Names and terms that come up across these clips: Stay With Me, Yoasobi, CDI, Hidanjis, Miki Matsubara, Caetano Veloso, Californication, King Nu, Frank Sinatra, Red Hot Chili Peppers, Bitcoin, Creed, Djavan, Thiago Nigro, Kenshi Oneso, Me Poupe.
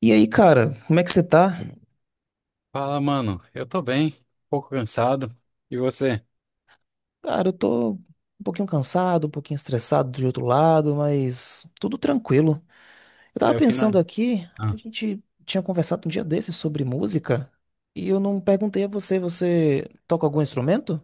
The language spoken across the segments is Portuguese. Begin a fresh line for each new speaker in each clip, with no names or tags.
E aí, cara, como é que você tá?
Fala, mano. Eu tô bem, um pouco cansado. E você?
Cara, eu tô um pouquinho cansado, um pouquinho estressado de outro lado, mas tudo tranquilo. Eu tava
É o final.
pensando aqui, a
Ah,
gente tinha conversado um dia desses sobre música, e eu não perguntei a você, você toca algum instrumento?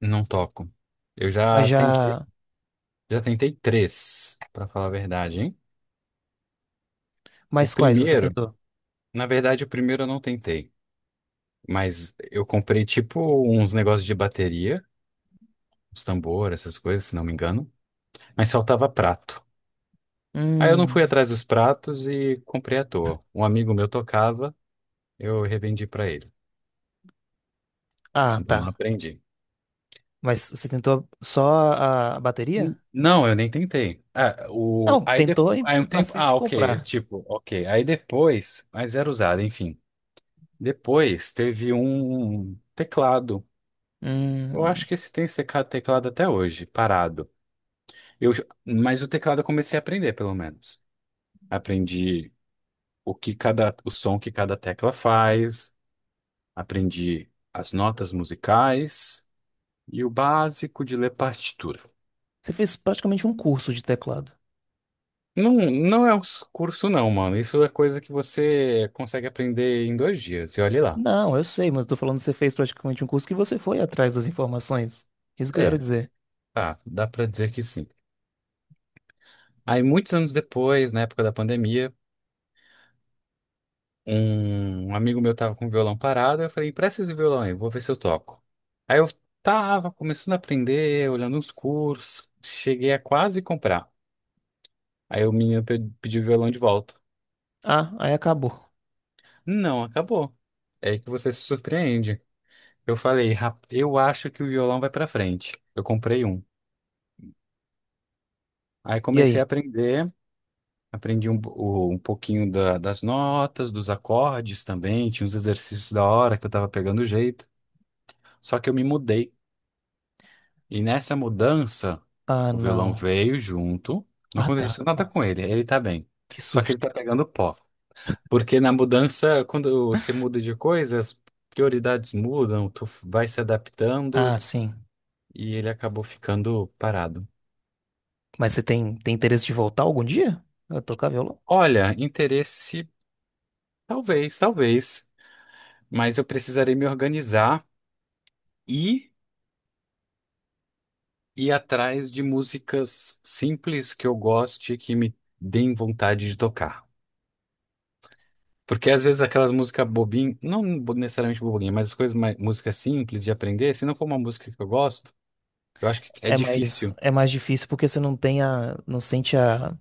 não toco. Eu
Mas já.
já tentei três, pra falar a verdade, hein? O
Mas quais você
primeiro,
tentou?
o primeiro eu não tentei, mas eu comprei tipo uns negócios de bateria, uns tambor, essas coisas, se não me engano, mas faltava prato. Aí eu não
Hum.
fui atrás dos pratos e comprei à toa. Um amigo meu tocava, eu revendi pra ele.
Ah,
Então
tá.
não aprendi.
Mas você tentou só a bateria?
Não, eu nem tentei. Ah, o,
Não,
aí,
tentou
depois,
e
aí um
pra
tempo.
se te
Ah, ok.
comprar.
Tipo, ok. Aí depois. Mas era usado, enfim. Depois teve um teclado. Eu
Hum.
acho que esse tem esse teclado até hoje, parado. Mas o teclado eu comecei a aprender, pelo menos. Aprendi o som que cada tecla faz, aprendi as notas musicais e o básico de ler partitura.
Você fez praticamente um curso de teclado.
Não, não é um curso, não, mano. Isso é coisa que você consegue aprender em dois dias. E olhe lá.
Não, eu sei, mas eu tô falando que você fez praticamente um curso que você foi atrás das informações. Isso que eu quero
É,
dizer.
tá, dá pra dizer que sim. Aí, muitos anos depois, na época da pandemia, um amigo meu tava com o violão parado. Eu falei, empresta esse violão aí, vou ver se eu toco. Aí eu tava começando a aprender, olhando uns cursos, cheguei a quase comprar. Aí o menino pediu o violão de volta.
Ah, aí acabou.
Não, acabou. É aí que você se surpreende. Eu falei, eu acho que o violão vai pra frente. Eu comprei um. Aí
E
comecei
aí?
a aprender, aprendi um pouquinho das notas, dos acordes também, tinha uns exercícios da hora que eu tava pegando jeito. Só que eu me mudei. E nessa mudança,
Ah,
o violão
não.
veio junto, não
Ah, tá.
aconteceu nada com
Nossa,
ele, ele tá bem.
que
Só que ele
susto.
tá pegando pó. Porque na mudança, quando você muda de coisa, as prioridades mudam, tu vai se
Ah,
adaptando
sim.
e ele acabou ficando parado.
Mas você tem interesse de voltar algum dia? A tocar violão?
Olha, interesse, talvez, talvez, mas eu precisarei me organizar e ir atrás de músicas simples que eu goste, que me deem vontade de tocar. Porque às vezes aquelas músicas bobinhas, não bo- necessariamente bobinha, mas as coisas mais, música simples de aprender, se não for uma música que eu gosto, eu acho que é
É
difícil.
é mais difícil porque você não tem não sente a,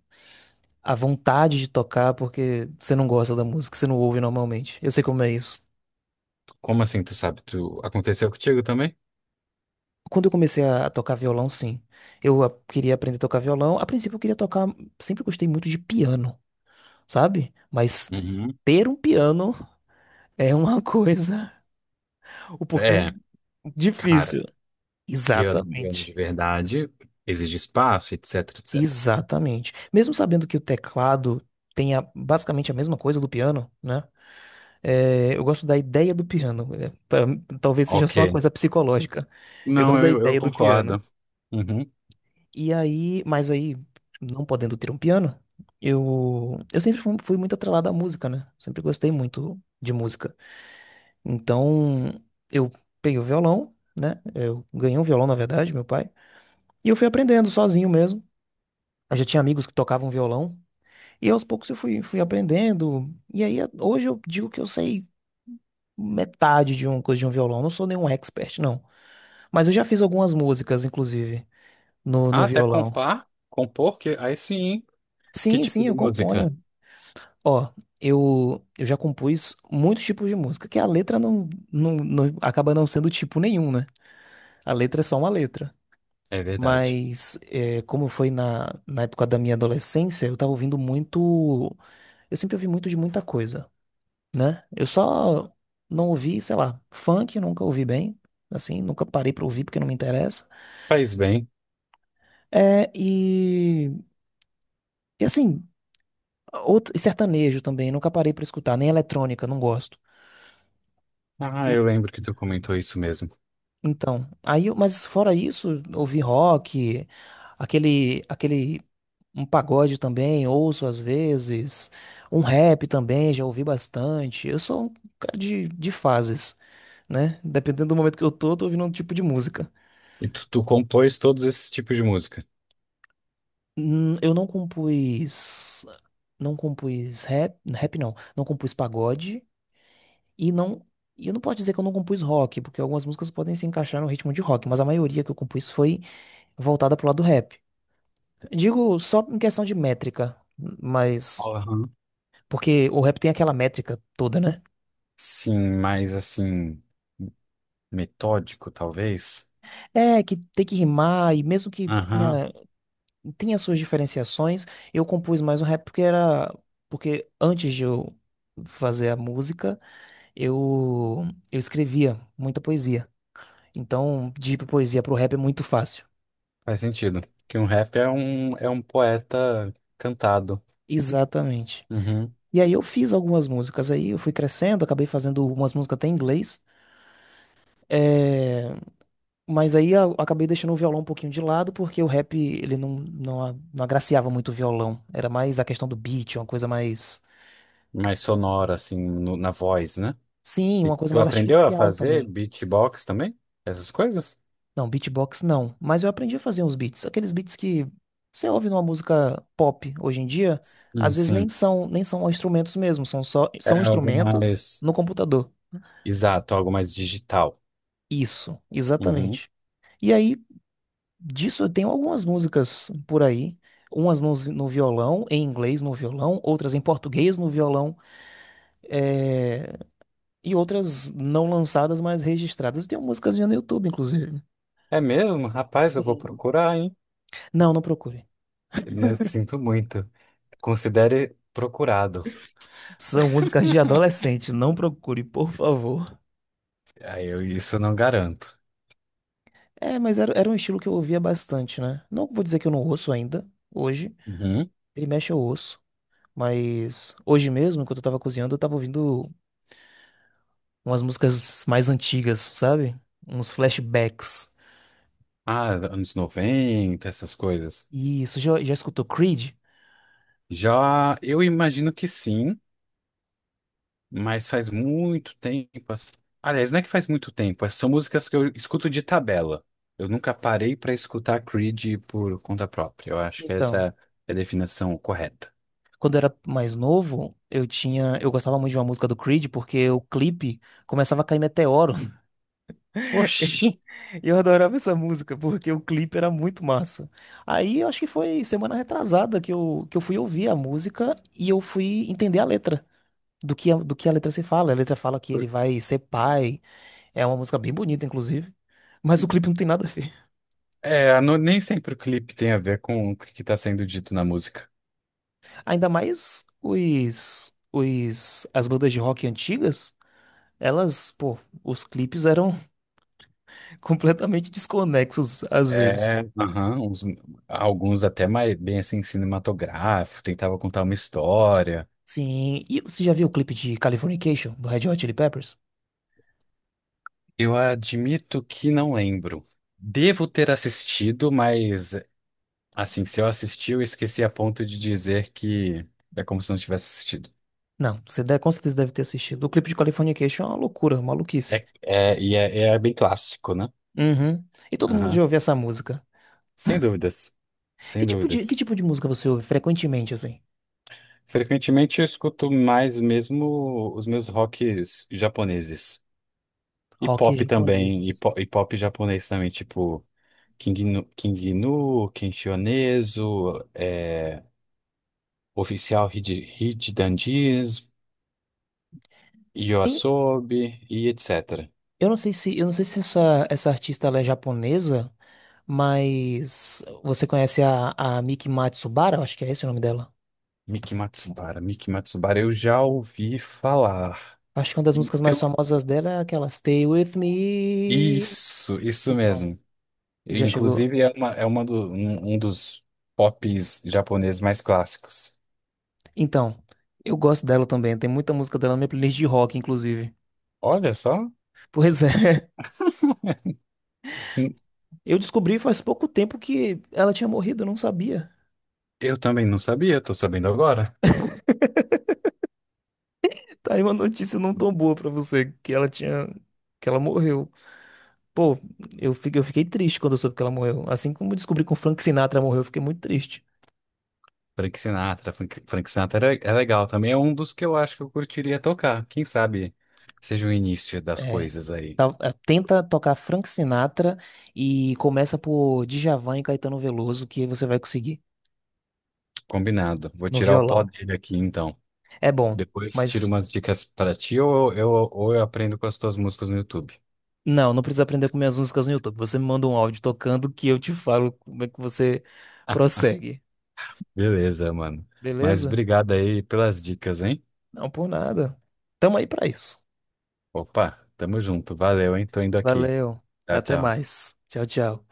a vontade de tocar porque você não gosta da música, você não ouve normalmente. Eu sei como é isso.
Como assim, tu sabe? Tu aconteceu contigo também?
Quando eu comecei a tocar violão, sim. Eu queria aprender a tocar violão. A princípio, eu queria tocar. Sempre gostei muito de piano, sabe? Mas
Uhum.
ter um piano é uma coisa um pouquinho
É, cara,
difícil.
piano, piano de
Exatamente.
verdade, exige espaço, etc, etc.
Exatamente. Mesmo sabendo que o teclado tem basicamente a mesma coisa do piano, né? É, eu gosto da ideia do piano. Talvez seja
Ok.
só uma coisa psicológica. Eu
Não,
gosto da
Eu
ideia do piano.
concordo. Uhum.
E aí, mas aí, não podendo ter um piano, eu sempre fui muito atrelado à música, né? Sempre gostei muito de música. Então, eu peguei o violão, né? Eu ganhei um violão, na verdade, meu pai. E eu fui aprendendo sozinho mesmo. Eu já tinha amigos que tocavam violão. E aos poucos eu fui aprendendo. E aí, hoje eu digo que eu sei metade de uma coisa de um violão. Não sou nenhum expert, não. Mas eu já fiz algumas músicas, inclusive,
Ah,
no
até
violão.
compar? Compor? Que, aí sim. Que
Sim,
tipo
sim,
de
eu
música?
componho. Ó, eu já compus muitos tipos de música, que a letra não acaba não sendo tipo nenhum, né? A letra é só uma letra.
É verdade.
Mas como foi na época da minha adolescência, eu tava ouvindo muito. Eu sempre ouvi muito de muita coisa, né? Eu só não ouvi, sei lá, funk, eu nunca ouvi bem. Assim, nunca parei pra ouvir porque não me interessa.
Faz bem.
É, e assim, e sertanejo também, nunca parei pra escutar, nem eletrônica, não gosto.
Ah,
Hum.
eu lembro que tu comentou isso mesmo.
Então, aí, mas fora isso, ouvi rock, aquele. Um pagode também, ouço às vezes. Um rap também, já ouvi bastante. Eu sou um cara de fases, né? Dependendo do momento que eu tô ouvindo um tipo de música.
E tu compôs todos esses tipos de música?
Hum. Eu não compus. Não compus rap. Rap não. Não compus pagode. E não. E eu não posso dizer que eu não compus rock, porque algumas músicas podem se encaixar no ritmo de rock, mas a maioria que eu compus foi voltada pro lado do rap. Digo só em questão de métrica, mas.
Aham.
Porque o rap tem aquela métrica toda, né?
Sim, mais assim, metódico, talvez?
É, que tem que rimar, e mesmo que
Aham.
tinha suas diferenciações, eu compus mais um rap porque era. Porque antes de eu fazer a música, eu, eu escrevia muita poesia. Então, de poesia pro rap é muito fácil.
Faz sentido. Que um é um poeta cantado.
Exatamente.
Uhum.
E aí eu fiz algumas músicas aí, eu fui crescendo, acabei fazendo umas músicas até em inglês. É, mas aí eu acabei deixando o violão um pouquinho de lado, porque o rap ele não não agraciava muito o violão. Era mais a questão do beat, uma coisa mais.
Mais sonoro, assim, na voz, né?
Sim,
E
uma coisa
tu
mais
aprendeu a
artificial
fazer
também.
beatbox também? Essas coisas?
Não, beatbox não. Mas eu aprendi a fazer uns beats. Aqueles beats que você ouve numa música pop hoje em dia, às
Sim,
vezes
sim.
nem são instrumentos mesmo,
É
são
algo
instrumentos
mais
no computador.
exato, algo mais digital.
Isso,
Uhum.
exatamente. E aí, disso eu tenho algumas músicas por aí. Umas nos- no, Violão, em inglês no violão, outras em português no violão, eh, e outras não lançadas, mas registradas. Eu tenho músicas minhas no YouTube, inclusive.
É mesmo? Rapaz, eu vou
Sim.
procurar, hein?
Não, não procure.
Não sinto muito. Considere procurado.
São músicas de adolescente, não procure, por favor.
Aí eu isso eu não garanto.
É, mas era um estilo que eu ouvia bastante, né? Não vou dizer que eu não ouço ainda, hoje.
Uhum.
Ele mexe eu ouço. Mas hoje mesmo, enquanto eu tava cozinhando, eu tava ouvindo umas músicas mais antigas, sabe? Uns flashbacks.
Ah, anos 90, essas coisas.
E isso, já escutou Creed?
Já, eu imagino que sim, mas faz muito tempo. Aliás, não é que faz muito tempo, é, são músicas que eu escuto de tabela. Eu nunca parei para escutar Creed por conta própria. Eu acho que
Então,
essa é a definição correta.
quando eu era mais novo, eu gostava muito de uma música do Creed porque o clipe começava a cair meteoro.
Oxi!
E eu adorava essa música porque o clipe era muito massa. Aí eu acho que foi semana retrasada que eu fui ouvir a música e eu fui entender a letra do que a letra se fala. A letra fala que ele vai ser pai. É uma música bem bonita, inclusive. Mas o clipe não tem nada a ver.
É, nem sempre o clipe tem a ver com o que está sendo dito na música.
Ainda mais as bandas de rock antigas, elas, pô, os clipes eram completamente desconexos às
É,
vezes.
aham, alguns até mais bem assim cinematográfico, tentava contar uma história.
Sim, e você já viu o clipe de Californication, do Red Hot Chili Peppers?
Eu admito que não lembro. Devo ter assistido, mas assim, se eu assisti, eu esqueci a ponto de dizer que é como se não tivesse assistido.
Não, você deve, com certeza deve ter assistido. O clipe de Californication é uma loucura, uma maluquice.
É bem clássico, né?
Uhum. E todo mundo já
Aham.
ouviu essa música.
Sem dúvidas,
Que
sem
tipo que
dúvidas.
tipo de música você ouve frequentemente, assim?
Frequentemente eu escuto mais mesmo os meus rocks japoneses. E
Rock
pop também,
japoneses.
e pop, japonês também, tipo King Nu, Kenshi Oneso, é, Oficial Hid- Hidanjis,
E
Yoasobi e etc.
eu não sei se, eu não sei se essa artista ela é japonesa, mas você conhece a Miki Matsubara? Eu acho que é esse o nome dela.
Miki Matsubara eu já ouvi falar.
Acho que uma das
E
músicas mais
pelo...
famosas dela é aquela Stay With Me.
Isso
Então,
mesmo.
já chegou.
É uma um dos pops japoneses mais clássicos.
Então, eu gosto dela também. Tem muita música dela na minha playlist de rock, inclusive.
Olha só.
Pois é,
Hum,
eu descobri faz pouco tempo que ela tinha morrido, eu não sabia.
eu também não sabia, tô sabendo agora.
Tá aí uma notícia não tão boa pra você, que ela tinha, que ela morreu. Pô, eu fiquei triste quando eu soube que ela morreu. Assim como eu descobri que o Frank Sinatra morreu, eu fiquei muito triste.
Frank Sinatra é, é legal também, é um dos que eu acho que eu curtiria tocar. Quem sabe seja o início das
É.
coisas aí.
Tenta tocar Frank Sinatra e começa por Djavan e Caetano Veloso, que você vai conseguir
Combinado. Vou
no
tirar o pó
violão.
dele aqui então.
É bom.
Depois tiro
Mas
umas dicas pra ti ou ou eu aprendo com as tuas músicas no YouTube.
não, não precisa aprender com minhas músicas no YouTube. Você me manda um áudio tocando que eu te falo como é que você prossegue.
Beleza, mano. Mas
Beleza?
obrigado aí pelas dicas, hein?
Não por nada. Tamo aí pra isso.
Opa, tamo junto. Valeu, hein? Tô indo aqui.
Valeu.
Tchau,
Até
tchau.
mais. Tchau, tchau.